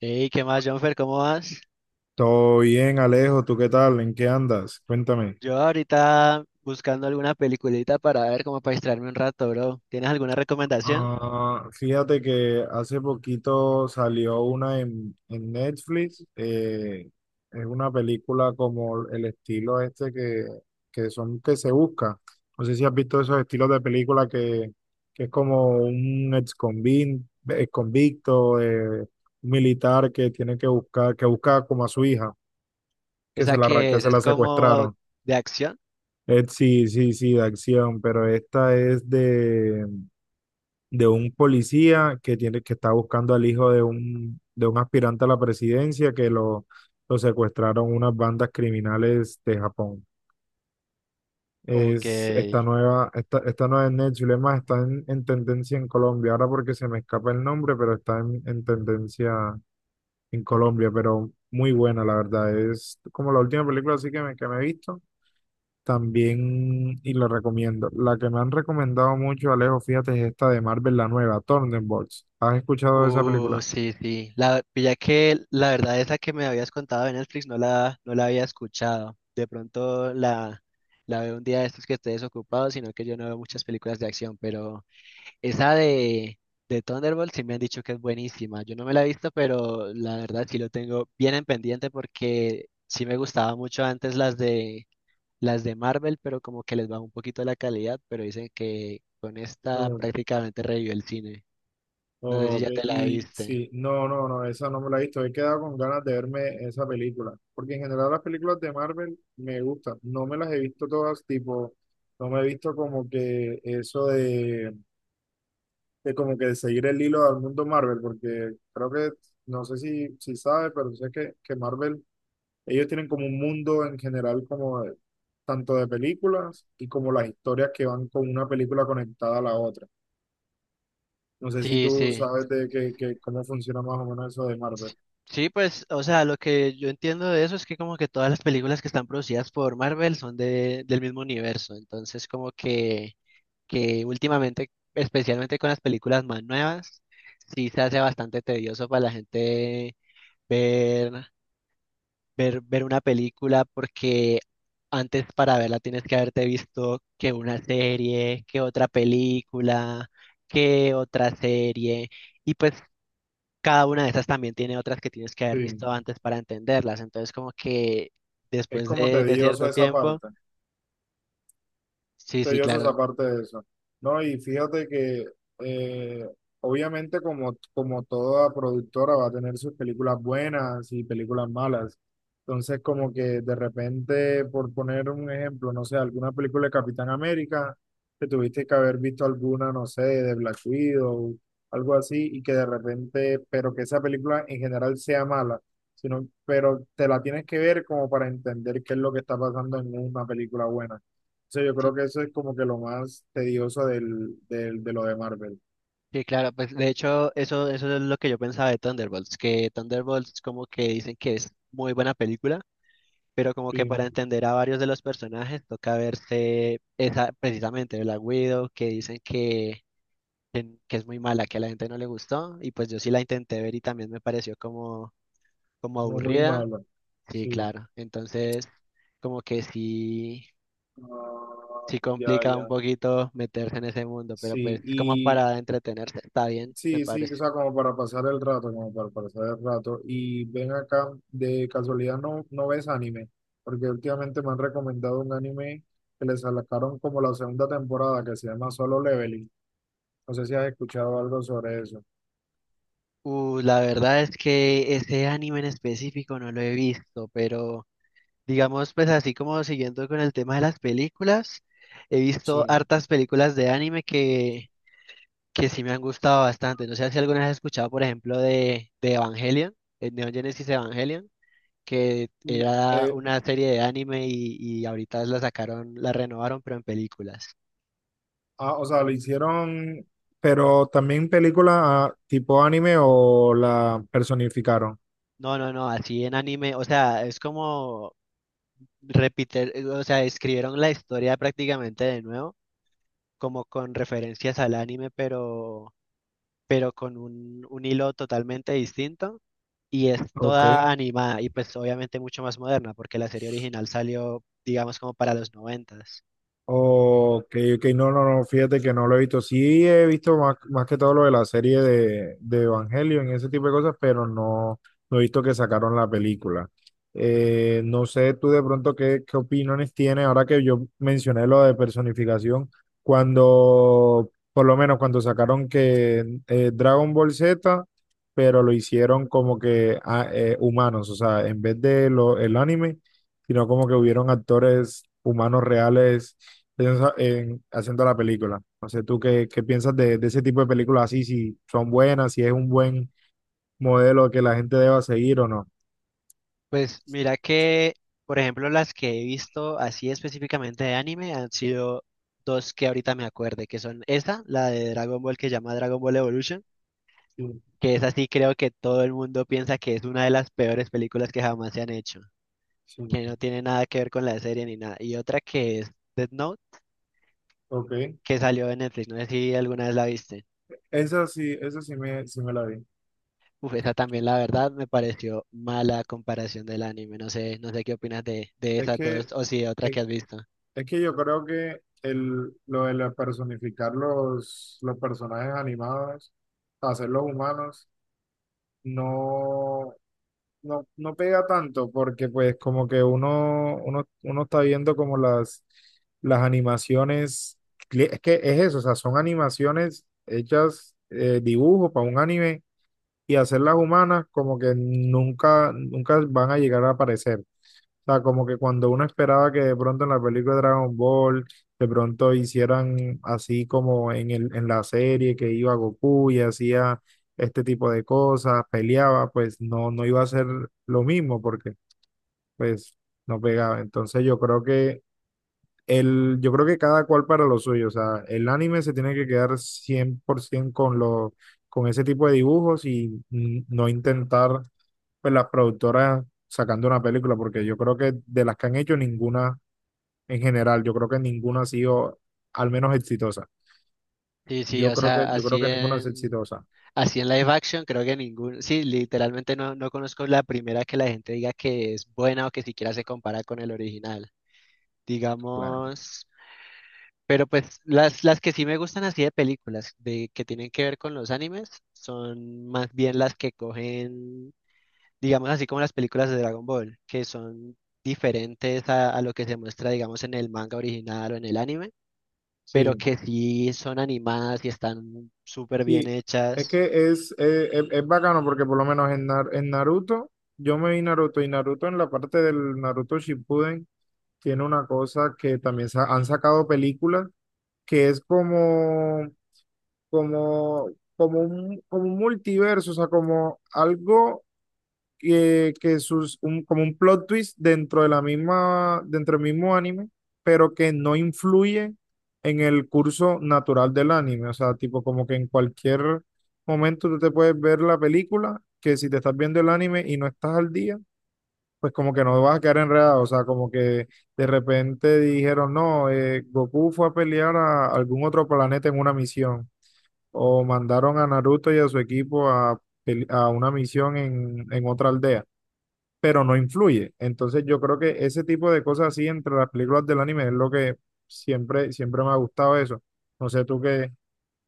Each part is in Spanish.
Hey, ¿qué más, Jonfer? ¿Cómo vas? Todo bien, Alejo, ¿tú qué tal? ¿En qué andas? Cuéntame. Yo ahorita buscando alguna peliculita para ver como para distraerme un rato, bro. ¿Tienes alguna recomendación? Ah, fíjate que hace poquito salió una en Netflix. Es una película como el estilo que son que se busca. No sé si has visto esos estilos de que es como un ex convicto, un militar que tiene que buscar, que busca como a su hija, que ¿Esa que que es? se ¿Es la como secuestraron. de acción? Sí, sí, sí, de acción, pero esta es de un policía que que está buscando al hijo de de un aspirante a la presidencia que lo secuestraron unas bandas criminales de Japón. Ok. Es esta nueva, esta nueva en Netflix, es más, está en tendencia en Colombia, ahora porque se me escapa el nombre, pero está en tendencia en Colombia, pero muy buena, la verdad. Es como la última película así que me he visto. También, y lo recomiendo, la que me han recomendado mucho, Alejo, fíjate, es esta de Marvel, la nueva, Thunderbolts. ¿Has escuchado de esa película? Sí, sí. Ya que la verdad esa que me habías contado de Netflix no la había escuchado. De pronto la veo un día de estos que esté desocupado, sino que yo no veo muchas películas de acción, pero... Esa de Thunderbolt sí me han dicho que es buenísima. Yo no me la he visto, pero la verdad sí lo tengo bien en pendiente porque sí me gustaba mucho antes las de Marvel, pero como que les bajó un poquito la calidad, pero dicen que con esta Mm, prácticamente revivió el cine. No sé si ok, ya te la y viste. sí, no, no, no, esa no me la he visto. He quedado con ganas de verme esa película, porque en general las películas de Marvel me gustan. No me las he visto todas, tipo, no me he visto como que eso de como que seguir el hilo del mundo Marvel, porque creo no sé si sabes, pero sé que Marvel, ellos tienen como un mundo en general tanto de películas y como las historias que van con una película conectada a la otra. No sé si Sí, tú sí. sabes de cómo funciona más o menos eso de Marvel. Sí, pues, o sea, lo que yo entiendo de eso es que como que todas las películas que están producidas por Marvel del mismo universo, entonces como que últimamente, especialmente con las películas más nuevas, sí se hace bastante tedioso para la gente ver, ver una película porque antes para verla tienes que haberte visto que una serie, que otra película, que otra serie, y pues cada una de esas también tiene otras que tienes que haber Sí, visto antes para entenderlas, entonces como que es después como de tedioso cierto esa tiempo, parte. sí, sí, Sellosa claro. esa parte de eso. No, y fíjate que eh, obviamente como toda productora va a tener sus películas buenas y películas malas. Entonces como que de repente, por poner un ejemplo, no sé, alguna película de Capitán América, que tuviste que haber visto alguna, no sé, de Black Widow, algo así, y que de repente, pero que esa película en general sea mala, sino, pero te la tienes que ver como para entender qué es lo que está pasando en una película buena, sea, yo creo que eso es como que lo más tedioso de lo de Marvel. Sí, claro, pues de hecho eso es lo que yo pensaba de Thunderbolts, que Thunderbolts como que dicen que es muy buena película, pero como que Sí, para entender a varios de los personajes toca verse esa, precisamente Black Widow, que dicen que es muy mala, que a la gente no le gustó, y pues yo sí la intenté ver y también me pareció como, como no muy aburrida. malo. Sí, Sí. claro, entonces como que sí, Ah, sí ya, complica un ya. poquito meterse en ese mundo, pero Sí, pues como y para entretenerse está bien, me sí, sí, o parece. sea, como para pasar el rato, como para pasar el rato. Y ven acá, de casualidad no, no ves anime, porque últimamente me han recomendado un anime que les sacaron como la segunda temporada que se llama Solo Leveling. No sé si has escuchado algo sobre eso. La verdad es que ese anime en específico no lo he visto, pero digamos, pues así como siguiendo con el tema de las películas, he Sí. visto hartas películas de anime que sí me han gustado bastante. No sé si alguna vez has escuchado, por ejemplo, de Evangelion, el Neon Genesis Evangelion, que Me- era eh, una serie de anime y ahorita la sacaron, la renovaron, pero en películas. Ah, o sea, lo hicieron, pero también película, ah, tipo anime o la personificaron. No, no, no, así en anime, o sea, es como repetir, o sea, escribieron la historia prácticamente de nuevo como con referencias al anime, pero con un hilo totalmente distinto. Y es Ok. toda animada y pues obviamente mucho más moderna, porque la serie original salió, digamos, como para los noventas. Ok, ok, no, no, no, fíjate que no lo he visto. Sí he visto más, más que todo lo de la serie de Evangelion y ese tipo de cosas, pero no, no he visto que sacaron la película. No sé tú de pronto qué opiniones tienes ahora que yo mencioné lo de personificación, cuando, por lo menos cuando sacaron que Dragon Ball Z, pero lo hicieron como que ah, humanos, o sea, en vez de lo, el anime, sino como que hubieron actores humanos reales piensa en haciendo la película. No sé, tú qué piensas de ese tipo de películas así, si son buenas, si es un buen modelo que la gente deba seguir o no. Pues mira que, por ejemplo, las que he visto así específicamente de anime han sido dos que ahorita me acuerde, que son esa, la de Dragon Ball que se llama Dragon Ball Evolution, Sí, que es así, creo que todo el mundo piensa que es una de las peores películas que jamás se han hecho, sí, que no tiene nada que ver con la serie ni nada. Y otra que es Death Note, ok. que salió en Netflix, no sé si alguna vez la viste. Esa sí sí me la vi. Uf, esa también la verdad me pareció mala comparación del anime, no sé, no sé qué opinas de Es esas que, dos o si de otra es, que has visto. es que yo creo que lo de personificar los personajes animados, hacerlos humanos, no, no, no pega tanto porque pues como que uno está viendo como las animaciones, es que es eso, o sea, son animaciones hechas, dibujo para un anime y hacerlas humanas como que nunca, nunca van a llegar a aparecer. O sea, como que cuando uno esperaba que de pronto en la película de Dragon Ball, de pronto hicieran así como en en la serie que iba Goku y hacía este tipo de cosas, peleaba, pues no, no iba a ser lo mismo porque pues no pegaba. Entonces yo creo que yo creo que cada cual para lo suyo. O sea, el anime se tiene que quedar 100% con ese tipo de dibujos y no intentar pues las productoras sacando una película, porque yo creo que de las que han hecho ninguna en general, yo creo que ninguna ha sido al menos exitosa. Sí, sí, Yo o creo sea, yo creo así que ninguna es en, exitosa. así en live action creo que ningún, sí, literalmente no, no conozco la primera que la gente diga que es buena o que siquiera se compara con el original. Claro. Digamos, pero pues las que sí me gustan así de películas de que tienen que ver con los animes son más bien las que cogen, digamos así como las películas de Dragon Ball, que son diferentes a lo que se muestra, digamos, en el manga original o en el anime, pero Sí, que sí son animadas y están súper bien sí. Es hechas. que es bacano porque por lo menos en, en Naruto, yo me vi Naruto, y Naruto en la parte del Naruto Shippuden tiene una cosa que también han sacado películas que es como, como un multiverso, o sea, como algo que sus, como un plot twist dentro de la misma, dentro del mismo anime, pero que no influye en el curso natural del anime. O sea, tipo como que en cualquier momento tú te puedes ver la película, que si te estás viendo el anime y no estás al día, pues como que no vas a quedar enredado. O sea, como que de repente dijeron, no, Goku fue a pelear a algún otro planeta en una misión. O mandaron a Naruto y a su equipo a, a una misión en otra aldea, pero no influye. Entonces yo creo que ese tipo de cosas así entre las películas del anime es lo que siempre, siempre me ha gustado eso. No sé tú que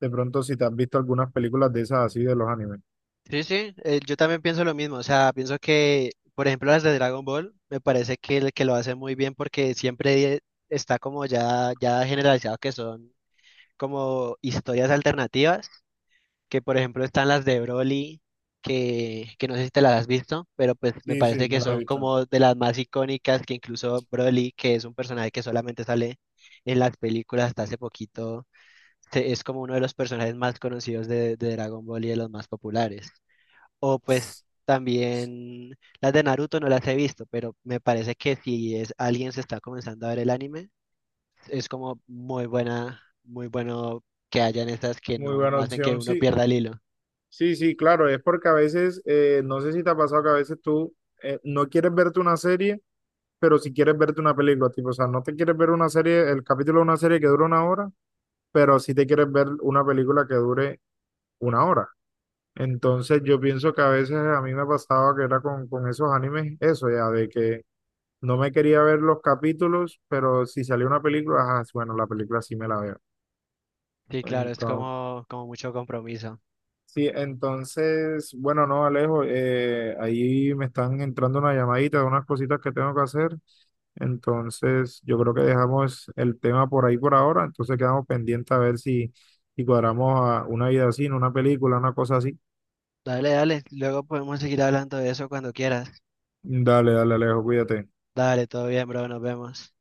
de pronto si te has visto algunas películas de esas así de los animes. Sí, sí, yo también pienso lo mismo, o sea, pienso que, por ejemplo, las de Dragon Ball, me parece que, el que lo hace muy bien porque siempre está como ya, ya generalizado que son como historias alternativas, que por ejemplo están las de Broly, que no sé si te las has visto, pero pues me Sí, sí, parece que me las he son visto. como de las más icónicas, que incluso Broly, que es un personaje que solamente sale en las películas hasta hace poquito, es como uno de los personajes más conocidos de Dragon Ball y de los más populares. O pues también las de Naruto no las he visto, pero me parece que si es alguien se está comenzando a ver el anime, es como muy buena, muy bueno que hayan estas que Muy no, buena no hacen que opción, uno sí. pierda el hilo. Sí, sí, claro, es porque a veces, no sé si te ha pasado que a veces tú, no quieres verte una serie, pero si quieres verte una película, tipo, o sea, no te quieres ver una serie, el capítulo de una serie que dura una hora, pero sí te quieres ver una película que dure una hora. Entonces yo pienso que a veces a mí me pasaba que era con esos animes, eso ya, de que no me quería ver los capítulos, pero si salía una película, ajá, sí, bueno, la película sí me la veo. Sí, claro, es Entonces, como, como mucho compromiso. sí, entonces, bueno, no, Alejo, ahí me están entrando una llamadita de unas cositas que tengo que hacer. Entonces yo creo que dejamos el tema por ahí por ahora, entonces quedamos pendientes a ver si, si cuadramos a una vida así, no una película, una cosa así. Dale, dale, luego podemos seguir hablando de eso cuando quieras. Dale, dale, Alejo, cuídate. Dale, todo bien, bro, nos vemos.